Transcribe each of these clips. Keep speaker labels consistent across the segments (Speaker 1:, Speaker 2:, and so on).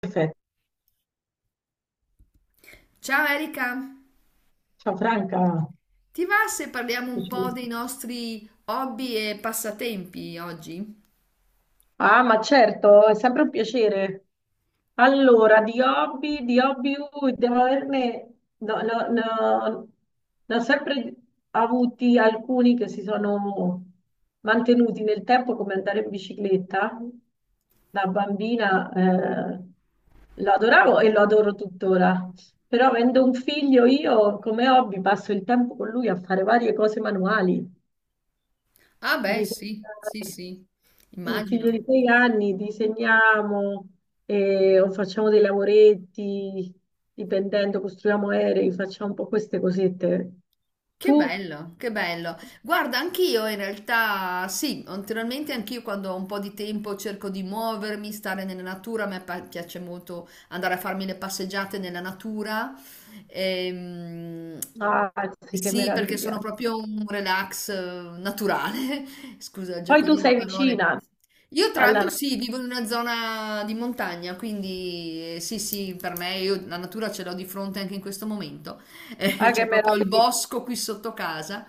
Speaker 1: Perfetto.
Speaker 2: Ciao Erika,
Speaker 1: Ciao Franca.
Speaker 2: ti va se parliamo un po' dei nostri hobby e passatempi oggi?
Speaker 1: Ah, ma certo, è sempre un piacere. Allora, di hobby, devo averne, no, no, no, ne ho sempre avuti alcuni che si sono mantenuti nel tempo, come andare in bicicletta. Da bambina, lo adoravo e lo adoro tuttora. Però avendo un figlio, io come hobby passo il tempo con lui a fare varie cose manuali.
Speaker 2: Ah beh, sì, sì,
Speaker 1: Disegnare
Speaker 2: sì,
Speaker 1: un figlio
Speaker 2: immagino.
Speaker 1: di sei anni, disegniamo o facciamo dei lavoretti, dipendendo, costruiamo aerei, facciamo un po' queste cosette.
Speaker 2: Che
Speaker 1: Tu,
Speaker 2: bello, che bello. Guarda, anch'io in realtà sì, naturalmente anch'io quando ho un po' di tempo cerco di muovermi, stare nella natura, a me piace molto andare a farmi le passeggiate nella natura. Ehm,
Speaker 1: ah, sì, che
Speaker 2: sì, perché
Speaker 1: meraviglia.
Speaker 2: sono proprio un relax naturale, scusa il
Speaker 1: Poi
Speaker 2: gioco
Speaker 1: tu
Speaker 2: di
Speaker 1: sei
Speaker 2: parole.
Speaker 1: vicina
Speaker 2: Io tra
Speaker 1: alla...
Speaker 2: l'altro
Speaker 1: natura,
Speaker 2: sì, vivo in una zona di montagna, quindi sì, sì, per me io la natura ce l'ho di fronte anche in questo momento.
Speaker 1: Ah, che
Speaker 2: C'ho proprio il
Speaker 1: meraviglia.
Speaker 2: bosco qui sotto casa.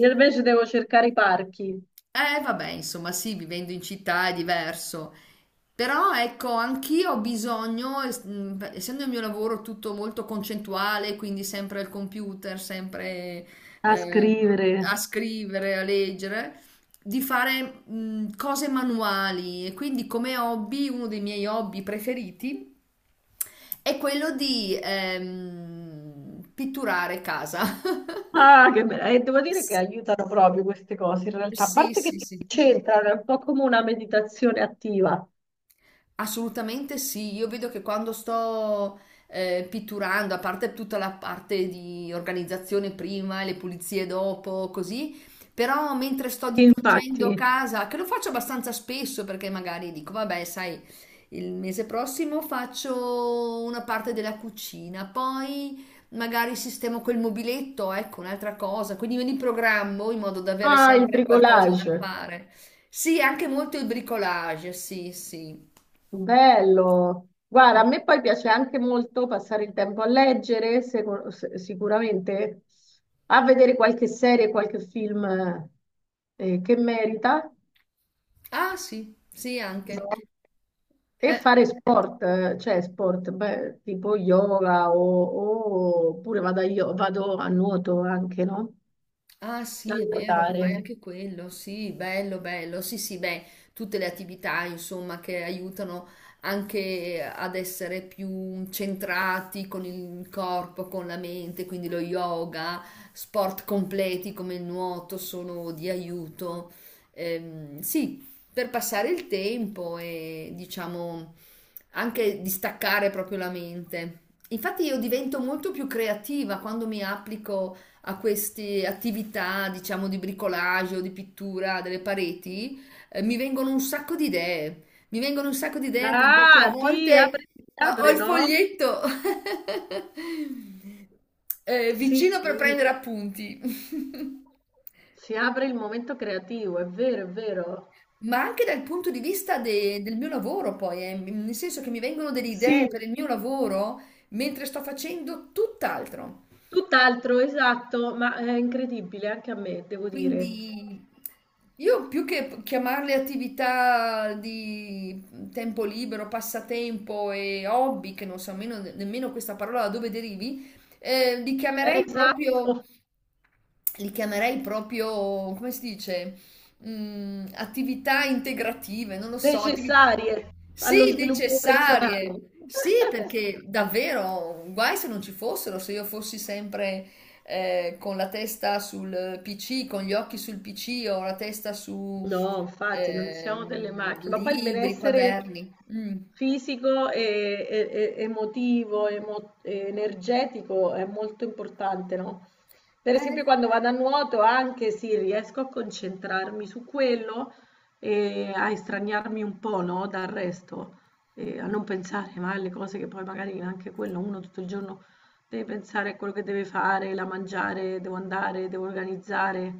Speaker 1: Io invece devo cercare i parchi
Speaker 2: Vabbè, insomma, sì, vivendo in città è diverso. Però ecco, anch'io ho bisogno, essendo il mio lavoro tutto molto concettuale, quindi sempre al computer, sempre
Speaker 1: a
Speaker 2: eh, a
Speaker 1: scrivere.
Speaker 2: scrivere, a leggere, di fare cose manuali. E quindi come hobby, uno dei miei hobby preferiti è quello di pitturare casa.
Speaker 1: Ah, che meraviglia. E devo dire che aiutano proprio queste cose, in realtà, a
Speaker 2: Sì,
Speaker 1: parte che
Speaker 2: sì,
Speaker 1: ci
Speaker 2: sì.
Speaker 1: c'entrano, è un po' come una meditazione attiva.
Speaker 2: Assolutamente sì, io vedo che quando sto pitturando, a parte tutta la parte di organizzazione prima e le pulizie dopo, così, però mentre sto
Speaker 1: Infatti.
Speaker 2: dipingendo casa, che lo faccio abbastanza spesso perché magari dico, vabbè, sai, il mese prossimo faccio una parte della cucina, poi magari sistemo quel mobiletto, ecco, un'altra cosa, quindi me li programmo in modo da avere
Speaker 1: Ah, il
Speaker 2: sempre qualcosa da
Speaker 1: bricolage,
Speaker 2: fare. Sì, anche molto il bricolage, sì, sì.
Speaker 1: bello. Guarda, a me poi piace anche molto passare il tempo a leggere, sicuramente, a vedere qualche serie, qualche film, che merita,
Speaker 2: Ah sì, sì anche.
Speaker 1: no? E
Speaker 2: Eh,
Speaker 1: fare sport, cioè sport, beh, tipo yoga o, oppure vado a nuoto anche, no?
Speaker 2: Ah
Speaker 1: A
Speaker 2: sì, è vero,
Speaker 1: nuotare.
Speaker 2: fai anche quello, sì, bello, bello, sì, sì, beh, tutte le attività, insomma, che aiutano anche ad essere più centrati con il corpo, con la mente, quindi lo yoga, sport completi come il nuoto sono di aiuto. Sì, per passare il tempo e diciamo anche distaccare proprio la mente. Infatti io divento molto più creativa quando mi applico a queste attività, diciamo, di bricolage o di pittura delle pareti, mi vengono un sacco di idee. Mi vengono un sacco di idee, tant'è che
Speaker 1: Ah,
Speaker 2: a volte
Speaker 1: ti
Speaker 2: ho
Speaker 1: apre,
Speaker 2: il
Speaker 1: no?
Speaker 2: foglietto
Speaker 1: Sì,
Speaker 2: vicino per
Speaker 1: sì.
Speaker 2: prendere appunti.
Speaker 1: Si apre il momento creativo, è vero, è vero.
Speaker 2: Ma anche dal punto di vista del mio lavoro, poi, nel senso che mi vengono delle idee
Speaker 1: Sì,
Speaker 2: per il mio lavoro mentre sto facendo tutt'altro.
Speaker 1: tutt'altro, esatto, ma è incredibile anche a me, devo dire.
Speaker 2: Quindi io più che chiamarle attività di tempo libero, passatempo e hobby, che non so nemmeno, nemmeno questa parola da dove derivi, eh, li
Speaker 1: Eh,
Speaker 2: chiamerei proprio,
Speaker 1: Esatto,
Speaker 2: li chiamerei proprio, come si dice, attività integrative, non lo so,
Speaker 1: necessarie allo
Speaker 2: sì,
Speaker 1: sviluppo
Speaker 2: necessarie.
Speaker 1: personale.
Speaker 2: Sì, perché davvero, guai se non ci fossero, se io fossi sempre con la testa sul PC, con gli occhi sul PC o la testa su
Speaker 1: No, infatti non siamo delle macchine, ma poi il
Speaker 2: libri,
Speaker 1: benessere
Speaker 2: quaderni. Mm.
Speaker 1: fisico e emotivo e energetico è molto importante, no? Per
Speaker 2: Eh,
Speaker 1: esempio quando vado a nuoto anche sì, riesco a concentrarmi su quello e a estraniarmi un po', no, dal resto, e a non pensare mai alle cose che poi magari anche quello uno tutto il giorno deve pensare a quello che deve fare, la mangiare, devo andare, devo organizzare.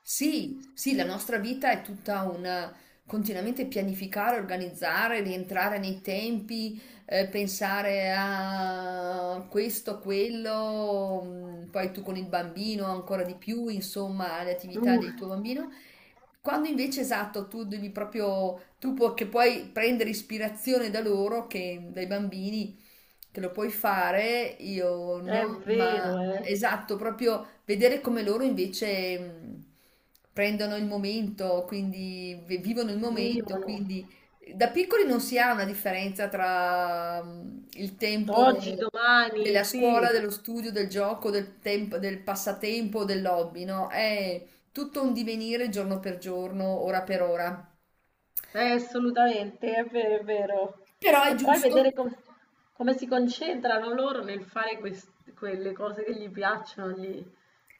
Speaker 2: sì, sì, la nostra vita è tutta una continuamente pianificare, organizzare, rientrare nei tempi, pensare a questo, quello, mm, poi tu con il bambino ancora di più, insomma, alle attività
Speaker 1: Uh,
Speaker 2: del tuo bambino. Quando invece esatto, tu devi proprio, che puoi prendere ispirazione da loro, che, dai bambini, che lo puoi fare, io
Speaker 1: è
Speaker 2: no, ma
Speaker 1: vero, eh.
Speaker 2: esatto, proprio vedere come loro invece prendono il momento, quindi vivono il momento,
Speaker 1: Vivono
Speaker 2: quindi da piccoli non si ha una differenza tra il tempo
Speaker 1: oggi, domani,
Speaker 2: della
Speaker 1: sì,
Speaker 2: scuola, dello studio, del gioco, del tempo, del passatempo, del hobby, no? È tutto un divenire giorno per giorno, ora per ora.
Speaker 1: assolutamente, è vero, è vero.
Speaker 2: Però è
Speaker 1: E poi
Speaker 2: giusto.
Speaker 1: vedere come si concentrano loro nel fare quelle cose che gli piacciono,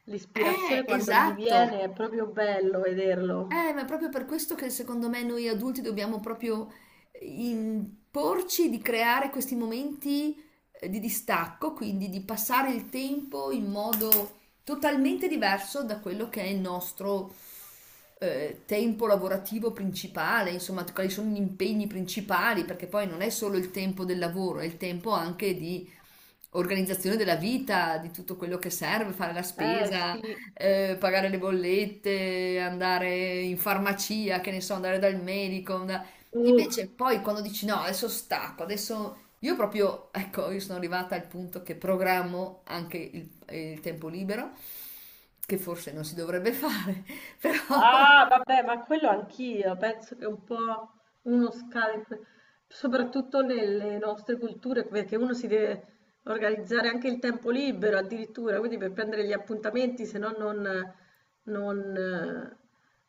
Speaker 1: l'ispirazione quando gli
Speaker 2: Esatto.
Speaker 1: viene è proprio bello vederlo.
Speaker 2: Ma è proprio per questo che secondo me noi adulti dobbiamo proprio imporci di creare questi momenti di distacco, quindi di passare il tempo in modo totalmente diverso da quello che è il nostro tempo lavorativo principale, insomma, quali sono gli impegni principali, perché poi non è solo il tempo del lavoro, è il tempo anche di organizzazione della vita, di tutto quello che serve, fare la
Speaker 1: Eh
Speaker 2: spesa,
Speaker 1: sì,
Speaker 2: pagare le bollette, andare in farmacia, che ne so, andare dal medico. Invece
Speaker 1: tu.
Speaker 2: poi quando dici no, adesso stacco, adesso io proprio, ecco, io sono arrivata al punto che programmo anche il tempo libero, che forse non si dovrebbe fare, però
Speaker 1: Ah, vabbè, ma quello anch'io, penso che un po' uno scade, soprattutto nelle nostre culture, perché uno si deve organizzare anche il tempo libero addirittura, quindi per prendere gli appuntamenti, se no non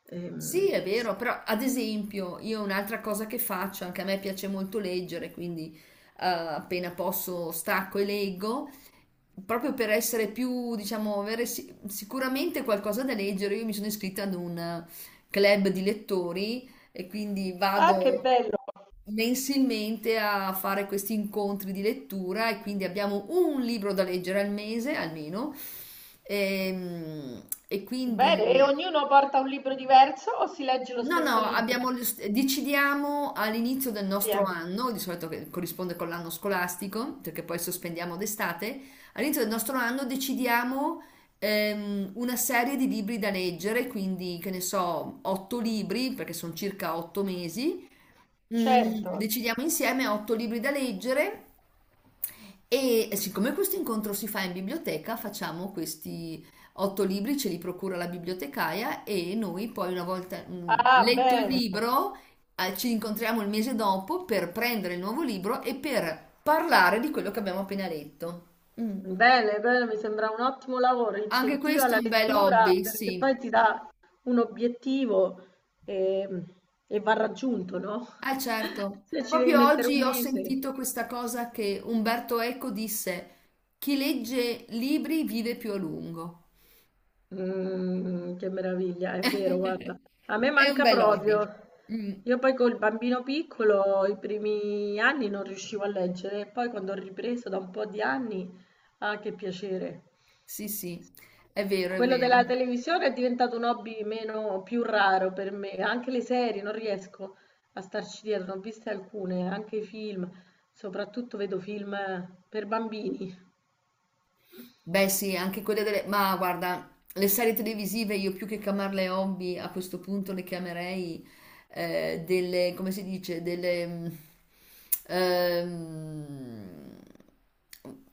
Speaker 1: eh,
Speaker 2: sì,
Speaker 1: ehm.
Speaker 2: è vero, però ad esempio io un'altra cosa che faccio, anche a me piace molto leggere, quindi appena posso stacco e leggo. Proprio per essere più, diciamo, avere sicuramente qualcosa da leggere, io mi sono iscritta ad un club di lettori e quindi
Speaker 1: Ah, che
Speaker 2: vado
Speaker 1: bello!
Speaker 2: mensilmente a fare questi incontri di lettura e quindi abbiamo un libro da leggere al mese almeno. Ehm, E,
Speaker 1: Bene, e
Speaker 2: quindi
Speaker 1: ognuno porta un libro diverso o si legge lo
Speaker 2: No,
Speaker 1: stesso
Speaker 2: no,
Speaker 1: libro
Speaker 2: abbiamo- decidiamo all'inizio del nostro
Speaker 1: insieme?
Speaker 2: anno, di solito che corrisponde con l'anno scolastico, perché poi sospendiamo d'estate, all'inizio del nostro anno decidiamo una serie di libri da leggere, quindi che ne so, otto libri, perché sono circa otto mesi.
Speaker 1: Certo.
Speaker 2: Decidiamo insieme otto libri da leggere e siccome questo incontro si fa in biblioteca, facciamo questi otto libri, ce li procura la bibliotecaia e noi poi una volta
Speaker 1: Ah,
Speaker 2: letto il
Speaker 1: bene.
Speaker 2: libro, ci incontriamo il mese dopo per prendere il nuovo libro e per parlare di quello che abbiamo appena letto. Mm.
Speaker 1: Bene, bene, mi sembra un ottimo lavoro,
Speaker 2: Anche
Speaker 1: incentiva
Speaker 2: questo è
Speaker 1: la
Speaker 2: un bel
Speaker 1: lettura
Speaker 2: hobby,
Speaker 1: perché
Speaker 2: sì.
Speaker 1: poi ti dà un obiettivo e, e va raggiunto, no?
Speaker 2: Ah, certo.
Speaker 1: Se ci devi
Speaker 2: Proprio
Speaker 1: mettere un
Speaker 2: oggi ho
Speaker 1: mese.
Speaker 2: sentito questa cosa che Umberto Eco disse, chi legge libri vive più a lungo.
Speaker 1: Che meraviglia, è vero, guarda. A me
Speaker 2: È un
Speaker 1: manca
Speaker 2: bel
Speaker 1: proprio.
Speaker 2: hobby. Mm,
Speaker 1: Io poi col bambino piccolo i primi anni non riuscivo a leggere, e poi quando ho ripreso da un po' di anni, ah, che piacere.
Speaker 2: sì, sì, è vero, è
Speaker 1: Quello
Speaker 2: vero.
Speaker 1: della televisione è diventato un hobby meno più raro per me, anche le serie non riesco a starci dietro, ne ho viste alcune, anche i film, soprattutto vedo film per bambini.
Speaker 2: Beh, sì, anche quelle delle... Ma guarda, le serie televisive io più che chiamarle hobby a questo punto le chiamerei delle, come si dice, ehm,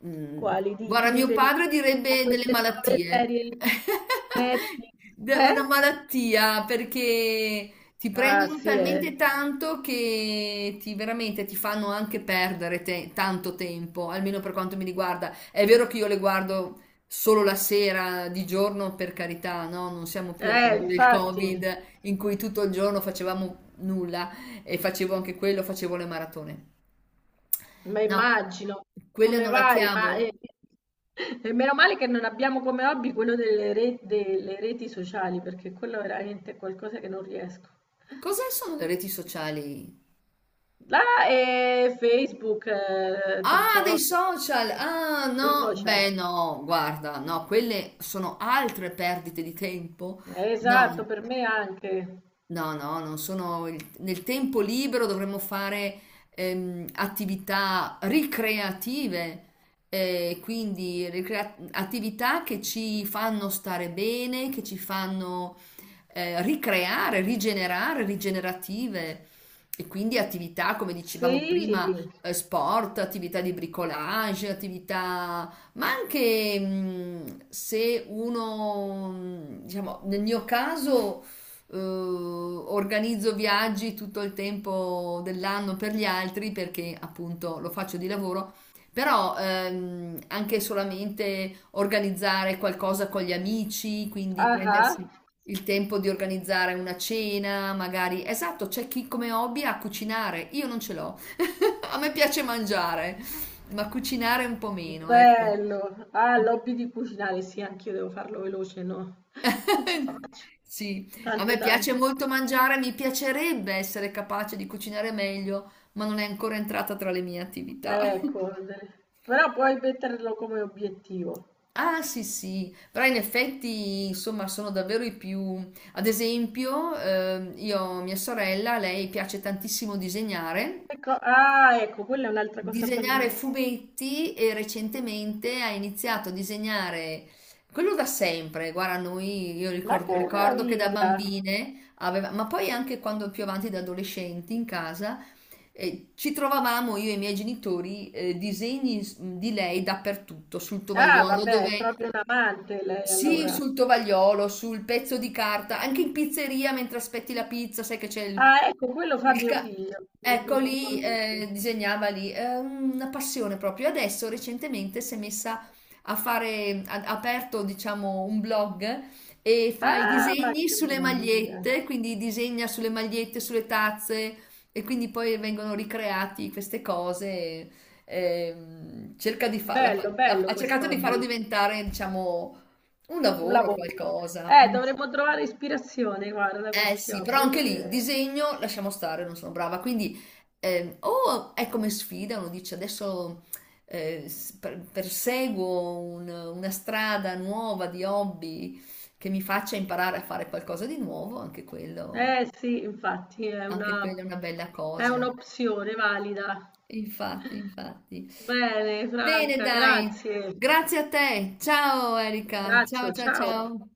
Speaker 2: mm,
Speaker 1: Quali ti,
Speaker 2: guarda,
Speaker 1: ti
Speaker 2: mio
Speaker 1: riferisci
Speaker 2: padre
Speaker 1: a
Speaker 2: direbbe delle
Speaker 1: queste nuove
Speaker 2: malattie.
Speaker 1: serie Netflix?
Speaker 2: Una
Speaker 1: Eh?
Speaker 2: malattia perché ti
Speaker 1: Ah
Speaker 2: prendono
Speaker 1: sì,
Speaker 2: talmente
Speaker 1: eh.
Speaker 2: tanto che ti veramente ti fanno anche perdere tanto tempo, almeno per quanto mi riguarda. È vero che io le guardo solo la sera, di giorno, per carità, no? Non siamo più al tempo del
Speaker 1: Infatti.
Speaker 2: Covid in cui tutto il giorno facevamo nulla e facevo anche quello, facevo le maratone.
Speaker 1: Ma
Speaker 2: No,
Speaker 1: immagino,
Speaker 2: quelle
Speaker 1: come
Speaker 2: non la
Speaker 1: vari, ma
Speaker 2: chiamo.
Speaker 1: e meno male che non abbiamo come hobby quello delle reti sociali, perché quello veramente è qualcosa che non riesco.
Speaker 2: Cos'è sono le reti sociali?
Speaker 1: Là è Facebook,
Speaker 2: Ah, dei
Speaker 1: TikTok,
Speaker 2: social! Ah,
Speaker 1: dei
Speaker 2: no,
Speaker 1: social.
Speaker 2: beh, no, guarda, no, quelle sono altre perdite di tempo.
Speaker 1: Eh,
Speaker 2: No.
Speaker 1: Esatto, per me anche.
Speaker 2: No, no, non sono... Nel tempo libero dovremmo fare attività ricreative, quindi attività che ci fanno stare bene, che ci fanno ricreare, rigenerare, rigenerative. E quindi attività, come
Speaker 1: Sì,
Speaker 2: dicevamo prima, sport, attività di bricolage, attività ma anche se uno, diciamo, nel mio caso organizzo viaggi tutto il tempo dell'anno per gli altri perché appunto lo faccio di lavoro, però anche solamente organizzare qualcosa con gli amici, quindi
Speaker 1: ah, ah,
Speaker 2: prendersi il tempo di organizzare una cena, magari. Esatto, c'è chi come hobby ha cucinare, io non ce l'ho. A me piace mangiare, ma cucinare un po' meno, ecco.
Speaker 1: bello. Ah, l'hobby di cucinare, sì, anch'io devo farlo veloce, no? Non ci vado
Speaker 2: Sì, a
Speaker 1: tanto
Speaker 2: me piace
Speaker 1: tanto.
Speaker 2: molto mangiare, mi piacerebbe essere capace di cucinare meglio, ma non è ancora entrata tra le mie attività.
Speaker 1: Correre. Però puoi metterlo come obiettivo.
Speaker 2: Ah, sì, sì, però in effetti, insomma, sono davvero i più... Ad esempio, io, mia sorella, lei piace tantissimo disegnare,
Speaker 1: Ecco, ah, ecco, quella è un'altra cosa
Speaker 2: disegnare
Speaker 1: bellissima.
Speaker 2: fumetti e recentemente ha iniziato a disegnare quello da sempre. Guarda, noi io
Speaker 1: Ma che
Speaker 2: ricordo che da
Speaker 1: meraviglia!
Speaker 2: bambine aveva, ma poi anche quando più avanti da adolescenti in casa ci trovavamo io e i miei genitori di lei dappertutto, sul
Speaker 1: Ah,
Speaker 2: tovagliolo,
Speaker 1: vabbè, è
Speaker 2: dove
Speaker 1: proprio un amante lei
Speaker 2: sì,
Speaker 1: allora.
Speaker 2: sul tovagliolo, sul pezzo di carta, anche in pizzeria mentre aspetti la pizza, sai che c'è il
Speaker 1: Ah, ecco, quello fa
Speaker 2: il
Speaker 1: mio
Speaker 2: ca-
Speaker 1: figlio
Speaker 2: ecco, lì
Speaker 1: continuamente.
Speaker 2: disegnava lì, è una passione proprio. Adesso recentemente si è messa a fare, ha aperto diciamo un blog e fa i
Speaker 1: Ah, ma
Speaker 2: disegni
Speaker 1: che
Speaker 2: sulle
Speaker 1: meraviglia!
Speaker 2: magliette, quindi disegna sulle magliette, sulle tazze e quindi poi vengono ricreati queste cose. Cerca di farla,
Speaker 1: Bello,
Speaker 2: ha
Speaker 1: bello
Speaker 2: ha
Speaker 1: questo
Speaker 2: cercato di farlo
Speaker 1: hobby,
Speaker 2: diventare diciamo un
Speaker 1: un
Speaker 2: lavoro,
Speaker 1: lavoro.
Speaker 2: qualcosa.
Speaker 1: Dovremmo trovare ispirazione, guarda, da
Speaker 2: Eh
Speaker 1: questi
Speaker 2: sì, però
Speaker 1: hobby. È
Speaker 2: anche lì
Speaker 1: vero.
Speaker 2: disegno lasciamo stare, non sono brava. Quindi o è come sfida, uno dice adesso perseguo una strada nuova di hobby che mi faccia imparare a fare qualcosa di nuovo, anche quello,
Speaker 1: Eh sì, infatti,
Speaker 2: anche quella è una bella
Speaker 1: è
Speaker 2: cosa.
Speaker 1: un'opzione valida.
Speaker 2: Infatti, infatti.
Speaker 1: Bene,
Speaker 2: Bene,
Speaker 1: Franca,
Speaker 2: dai,
Speaker 1: grazie. Un
Speaker 2: grazie a te. Ciao Erika, ciao
Speaker 1: abbraccio,
Speaker 2: ciao
Speaker 1: ciao.
Speaker 2: ciao.